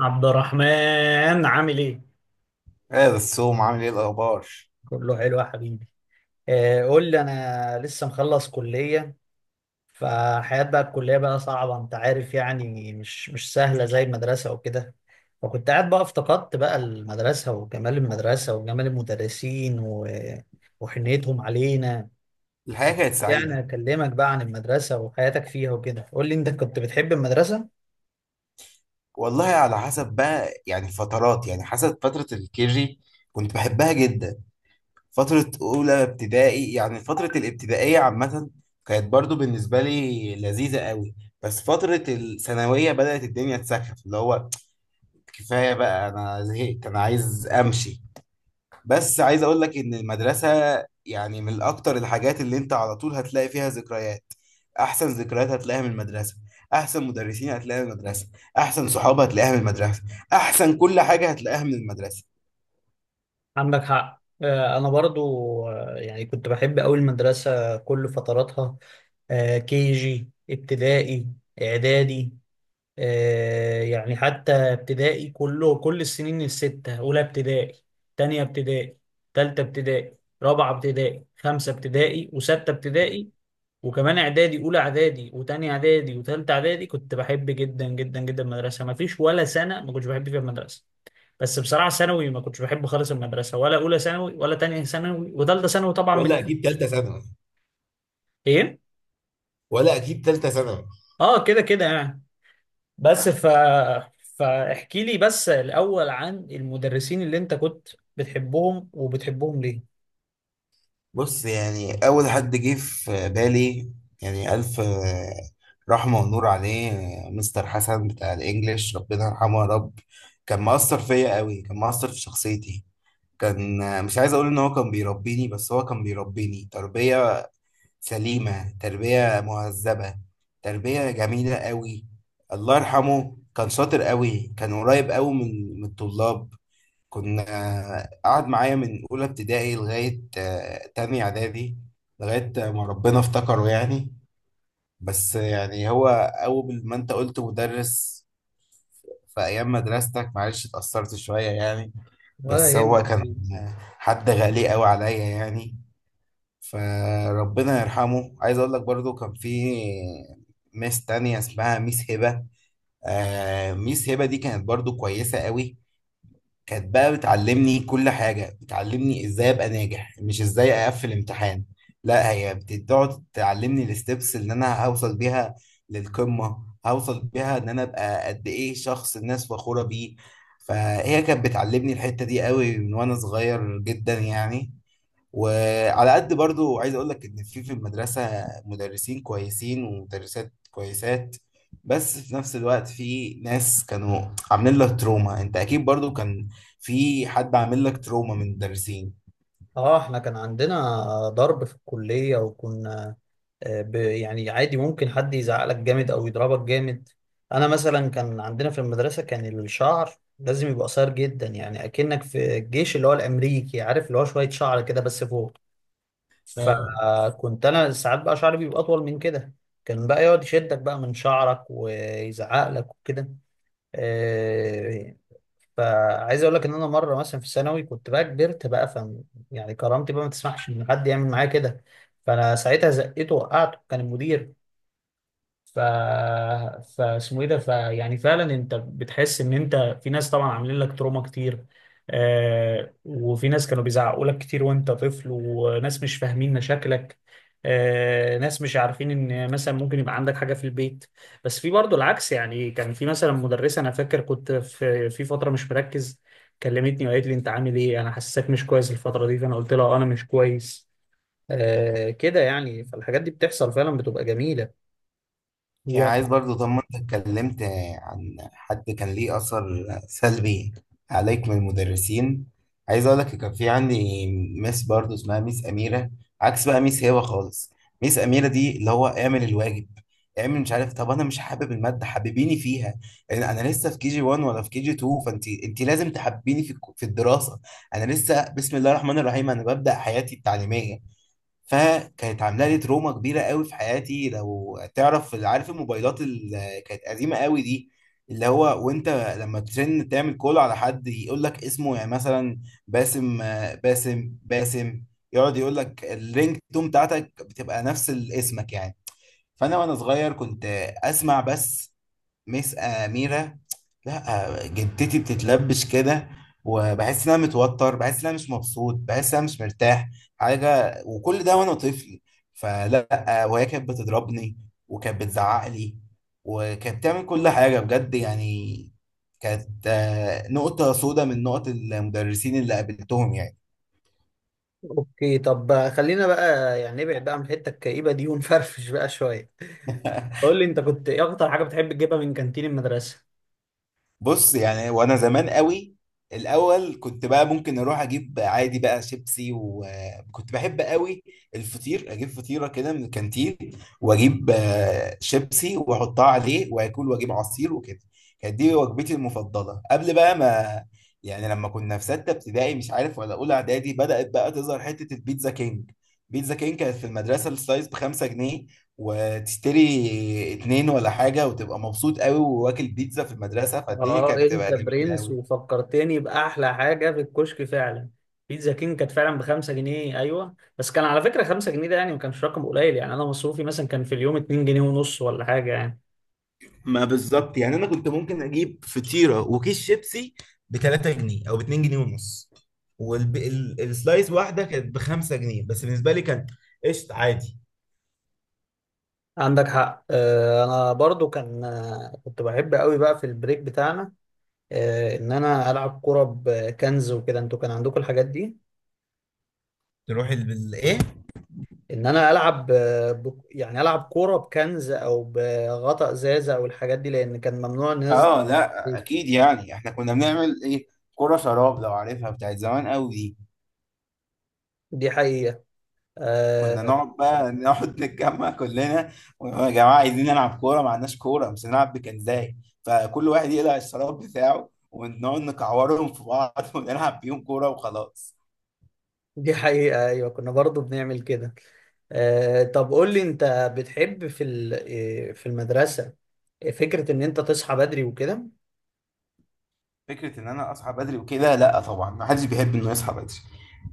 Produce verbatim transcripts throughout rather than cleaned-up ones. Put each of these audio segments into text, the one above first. عبد الرحمن عامل ايه؟ ايه الصوم؟ عامل ايه الاخبار؟ كله حلو يا حبيبي. آه، قول لي، انا لسه مخلص كلية، فحياة بقى الكلية بقى صعبة، انت عارف، يعني مش مش سهلة زي المدرسة وكده. فكنت قاعد بقى افتقدت بقى المدرسة وجمال المدرسة وجمال المدرسين و... وحنيتهم علينا. الحياه كانت يعني سعيده. اكلمك بقى عن المدرسة وحياتك فيها وكده، قول لي انت كنت بتحب المدرسة؟ والله على حسب بقى يعني فترات يعني حسب فتره الكيجي كنت بحبها جدا. فتره اولى ابتدائي يعني فتره الابتدائيه عامه كانت برضو بالنسبه لي لذيذه قوي. بس فتره الثانويه بدات الدنيا تسخف، اللي هو كفايه بقى، انا زهقت، انا عايز امشي. بس عايز اقول لك ان المدرسه يعني من اكتر الحاجات اللي انت على طول هتلاقي فيها ذكريات. احسن ذكريات هتلاقيها من المدرسه، احسن مدرسين هتلاقيها من المدرسه، احسن صحاب هتلاقيها من المدرسه، احسن كل حاجه هتلاقيها من المدرسه. عندك حق، آه، انا برضو. آه، يعني كنت بحب قوي المدرسة كل فتراتها، كي جي، ابتدائي، اعدادي. آه، يعني حتى ابتدائي كله، كل السنين الستة، اولى ابتدائي، تانية ابتدائي، تالتة ابتدائي، رابعة ابتدائي، خمسة ابتدائي، وستة ابتدائي، وكمان اعدادي، اولى اعدادي وتانية اعدادي وتالتة اعدادي، كنت بحب جدا جدا جدا المدرسة، ما فيش ولا سنة ما كنتش بحب فيها المدرسة. بس بصراحة ثانوي ما كنتش بحب خالص المدرسة، ولا أولى ثانوي ولا تانية ثانوي وتالتة ثانوي، طبعا من ولا البيت. اجيب ثالثه ثانوي إيه؟ ولا اجيب ثالثه ثانوي آه، كده كده يعني. بس ف فاحكي لي بس الأول عن المدرسين اللي أنت كنت بتحبهم، وبتحبهم ليه؟ بص، يعني اول حد جه في بالي يعني الف آه، رحمه ونور عليه، آه، مستر حسن بتاع الانجليش، ربنا يرحمه يا رب. كان مؤثر فيا قوي، كان مؤثر في شخصيتي. كان، مش عايز اقول ان هو كان بيربيني، بس هو كان بيربيني تربية سليمة، تربية مهذبة، تربية جميلة قوي. الله يرحمه كان شاطر قوي، كان قريب قوي من من الطلاب. كنا، قعد معايا من اولى ابتدائي لغاية آه، تاني اعدادي، لغاية ما ربنا افتكره يعني. بس يعني هو اول ما انت قلت مدرس في ايام مدرستك معلش اتأثرت شوية يعني. ولا بس هو يهم. كان حد غالي قوي عليا يعني، فربنا يرحمه. عايز اقول لك برضو كان في ميس تانية اسمها ميس هبة. آه، ميس هبة دي كانت برضو كويسة قوي. كانت بقى بتعلمني كل حاجة، بتعلمني ازاي ابقى ناجح، مش ازاي اقفل امتحان. لا، هي بتقعد تعلمني الستبس اللي انا هوصل بيها للقمة، هوصل بيها ان انا ابقى قد ايه شخص الناس فخورة بيه. فهي كانت بتعلمني الحتة دي قوي من وانا صغير جدا يعني. وعلى قد برضو عايز اقول لك ان في في المدرسة مدرسين كويسين ومدرسات كويسات، بس في نفس الوقت في ناس كانوا عاملين لك تروما. انت اكيد برضو كان في حد عامل لك تروما من المدرسين. اه، احنا كان عندنا ضرب في الكلية، وكنا، آه، ب- يعني عادي، ممكن حد يزعقلك جامد او يضربك جامد. انا مثلا كان عندنا في المدرسة، كان الشعر لازم يبقى قصير جدا، يعني اكنك في الجيش، اللي هو الامريكي، عارف، اللي هو شوية شعر كده بس فوق. اه، فكنت انا ساعات بقى شعري بيبقى اطول من كده، كان بقى يقعد يشدك بقى من شعرك ويزعق لك وكده. آه، فعايز اقول لك ان انا مره مثلا في ثانوي كنت بقى كبرت بقى، ف يعني كرامتي بقى ما تسمحش ان حد يعمل معايا كده، فانا ساعتها زقيته وقعته، كان المدير. ف فاسمه ايه ده، فيعني فعلا انت بتحس ان انت، في ناس طبعا عاملين لك تروما كتير، آه، وفي ناس كانوا بيزعقوا لك كتير وانت طفل، وناس مش فاهمين مشاكلك، آه، ناس مش عارفين ان مثلا ممكن يبقى عندك حاجة في البيت. بس في برضه العكس، يعني كان في مثلا مدرسة، انا فاكر كنت في في فترة مش مركز، كلمتني وقالت لي انت عامل ايه، انا حاسسك مش كويس الفترة دي، فانا قلت لها، آه، انا مش كويس، آه، كده يعني. فالحاجات دي بتحصل فعلا، بتبقى جميلة. يعني عايز برضو، طب ما انت اتكلمت عن حد كان ليه اثر سلبي عليك من المدرسين، عايز اقول لك كان في عندي ميس برضو اسمها ميس اميره، عكس بقى ميس هبه خالص. ميس اميره دي، اللي هو اعمل الواجب، اعمل، مش عارف، طب انا مش حابب الماده، حببيني فيها. انا أنا لسه في كي جي واحد ولا في كي جي اتنين، فانت انت لازم تحببيني في الك- في الدراسه. انا لسه بسم الله الرحمن الرحيم، انا ببدا حياتي التعليميه. فكانت عامله لي تروما كبيره قوي في حياتي. لو تعرف، عارف الموبايلات اللي كانت قديمه قوي دي؟ اللي هو وانت لما ترن تعمل كول على حد يقول لك اسمه يعني، مثلا باسم، آه، باسم باسم يقعد يقول لك الرينج تون بتاعتك بتبقى نفس اسمك يعني. فانا وانا صغير كنت اسمع بس "مس أميرة"، لا جدتي بتتلبش كده. وبحس ان انا متوتر، بحس ان انا مش مبسوط، بحس ان انا مش مرتاح حاجه، وكل ده وانا طفل. فلا، وهي كانت بتضربني، وكانت بتزعق لي، وكانت بتعمل كل حاجه بجد يعني. كانت آه، نقطه سودة من نقط المدرسين اللي قابلتهم يعني. اوكي، طب خلينا بقى يعني نبعد بقى عن الحته الكئيبه دي ونفرفش بقى شويه. قول لي انت كنت ايه اكتر حاجه بتحب تجيبها من كانتين المدرسه؟ بص، يعني وانا زمان قوي الاول كنت بقى ممكن اروح اجيب عادي بقى شيبسي. وكنت بحب قوي الفطير، اجيب فطيره كده من الكانتين، واجيب آه، شيبسي واحطها عليه واكل، واجيب عصير وكده. كانت دي وجبتي المفضله قبل بقى ما، يعني لما كنا في سته ابتدائي مش عارف ولا اولى اعدادي، بدات بقى تظهر حته البيتزا كينج. بيتزا كينج كانت في المدرسه السلايس ب خمسة جنيه، وتشتري اتنين ولا حاجة وتبقى مبسوط قوي وواكل بيتزا في المدرسة، فالدنيا اه كانت انت بتبقى جميلة برنس، قوي. وفكرتني باحلى حاجه في الكشك فعلا. بيتزا كينج كانت فعلا بخمسة جنيه، ايوه، بس كان على فكره خمسة جنيه ده يعني ما كانش رقم قليل، يعني انا مصروفي مثلا كان في اليوم اتنين جنيه ونص ولا حاجه يعني. ما بالظبط يعني، انا كنت ممكن اجيب فطيرة وكيس شيبسي ب ثلاثة جنيه او ب اتنين جنيه ونص، والسلايس واحدة كانت ب خمسة جنيه، بس بالنسبة لي كان قشط عادي. عندك حق، آه، انا برضو كان، آه، كنت بحب قوي بقى في البريك بتاعنا، آه، ان انا العب كوره بكنز وكده، انتوا كان عندكم الحاجات دي؟ تروح ال- ال- ايه، ان انا العب، آه، ب... يعني العب كوره بكنز او بغطاء ازازه او الحاجات دي، لان كان ممنوع الناس اه لا دي. اكيد، يعني احنا كنا بنعمل ايه، كرة شراب لو عارفها بتاعت زمان قوي. دي حقيقه، كنا آه. نقعد بقى نقعد نتجمع كلنا، يا جماعه عايزين نلعب كوره، ما عندناش كوره، مش هنلعب بكنزاي. فكل واحد يقلع الشراب بتاعه، ونقعد نكعورهم في بعض ونلعب بيهم كوره وخلاص. دي حقيقه، ايوه، كنا برضو بنعمل كده. آه، طب قول لي انت، بتحب في ال... آه، في المدرسه، فكره ان انت تصحى بدري وكده. فكره ان انا اصحى بدري وكده؟ لا طبعا، ما حدش بيحب انه يصحى بدري.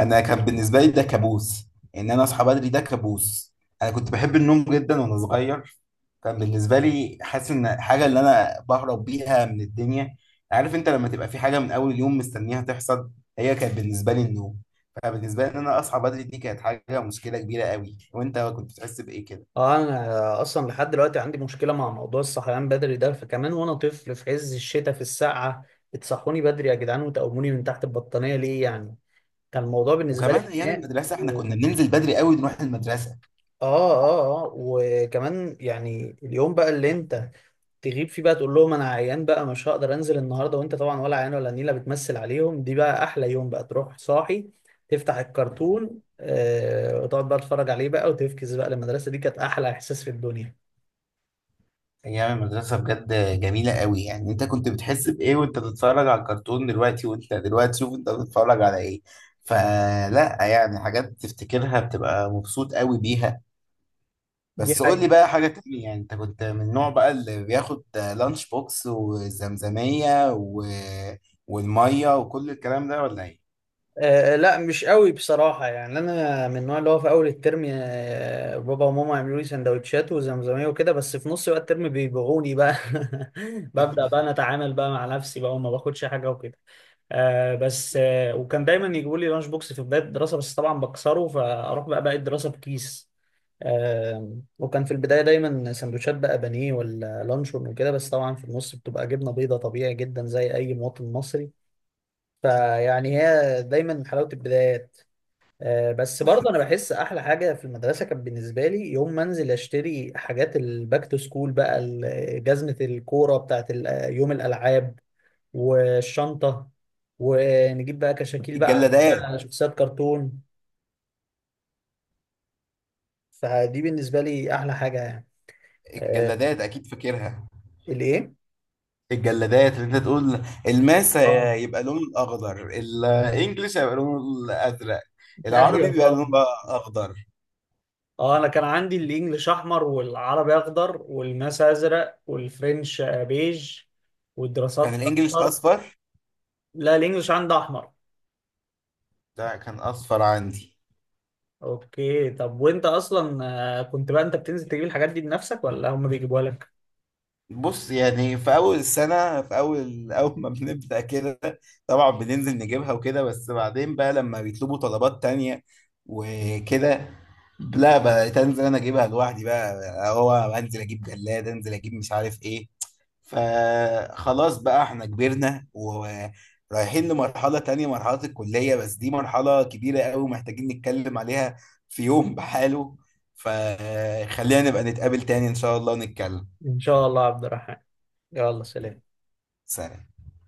انا كان بالنسبه لي ده كابوس، ان انا اصحى بدري ده كابوس. انا كنت بحب النوم جدا وانا صغير. كان بالنسبه لي حاسس ان حاجه اللي انا بهرب بيها من الدنيا، عارف انت لما تبقى في حاجه من اول يوم مستنيها تحصل؟ هي كانت بالنسبه لي النوم. فبالنسبه لي ان انا اصحى بدري دي كانت حاجه، مشكله كبيره قوي. وانت كنت بتحس بايه كده؟ اه انا اصلا لحد دلوقتي عندي مشكله مع موضوع الصحيان بدري ده، فكمان وانا طفل في عز الشتاء في السقعه، بتصحوني بدري يا جدعان وتقوموني من تحت البطانيه ليه يعني؟ كان الموضوع بالنسبه لي وكمان ايام خناق. المدرسه احنا كنا بننزل بدري قوي نروح المدرسه. اه اه اه، وكمان يعني اليوم بقى اللي انت تغيب فيه بقى، تقول لهم انا عيان بقى مش هقدر انزل النهارده، وانت طبعا ولا عيان ولا نيله، بتمثل عليهم، دي بقى احلى يوم، بقى تروح صاحي، تفتح الكرتون، آه، وتقعد بقى تتفرج عليه بقى وتفكس بقى للمدرسه، دي كانت احلى احساس في الدنيا. ايام المدرسه بجد جميله قوي. يعني انت كنت بتحس بايه وانت بتتفرج على الكرتون دلوقتي؟ وانت دلوقتي شوف انت بتتفرج على ايه. فلا يعني، حاجات تفتكرها بتبقى مبسوط قوي بيها. دي بس قول حاجه. لي بقى حاجة تانية، يعني انت كنت من النوع بقى اللي بياخد لانش بوكس والزمزمية و... والمية وكل الكلام ده ولا ايه؟ آه، لا مش قوي بصراحة، يعني أنا من النوع اللي هو في أول الترم، آه، بابا وماما يعملوا لي سندوتشات وزمزمية وكده، بس في نص بقى الترم بيبيعوني بقى. ببدأ بقى أنا أتعامل بقى مع نفسي بقى وما باخدش حاجة وكده. آه بس آه وكان دايما يجيبوا لي لانش بوكس في بداية الدراسة، بس طبعا بكسره فأروح بقى باقي الدراسة بكيس. آه، وكان في البداية دايما سندوتشات بقى بانيه ولا لانشون وكده، بس طبعا في النص بتبقى جبنة بيضة، طبيعي جدا زي أي مواطن مصري. فيعني هي دايما حلاوة البدايات. آه، بس برضه انا بحس احلى حاجه في المدرسه كانت بالنسبه لي يوم ما انزل اشتري حاجات الباك تو سكول بقى، ال- جزمه الكوره بتاعت ال- يوم الالعاب والشنطه، ونجيب بقى كشاكيل بقى الجلادات. على شخصيات كرتون، فدي بالنسبه لي احلى حاجه يعني. آه، الجلادات اكيد فاكرها، الايه؟ الجلادات اللي انت تقول. الماس اه، يبقى لونه الاخضر، الانجليش هيبقى لونه الازرق، العربي ايوه بيبقى لونه طبعا. بقى اخضر. اه، انا كان عندي الانجليش احمر، والعربي اخضر، والماس ازرق، والفرنش، آه، بيج، كان والدراسات الانجليش اصفر. اصفر، لا الانجليش عندي احمر. ده كان اصفر عندي. اوكي، طب وانت اصلا، آه، كنت بقى انت بتنزل تجيب الحاجات دي بنفسك ولا هم بيجيبوها لك؟ بص، يعني في اول السنه، في اول اول ما بنبدا كده طبعا بننزل نجيبها وكده. بس بعدين بقى لما بيطلبوا طلبات تانية وكده، لا بقيت انزل انا اجيبها لوحدي بقى. هو انزل اجيب جلاد، انزل اجيب مش عارف ايه. فخلاص بقى احنا كبرنا ورايحين لمرحله تانية، مرحله الكليه. بس دي مرحله كبيره قوي محتاجين نتكلم عليها في يوم بحاله. فخلينا نبقى نتقابل تاني ان شاء الله ونتكلم. ان شاء الله يا عبد الرحمن، يلا سلام. سلام.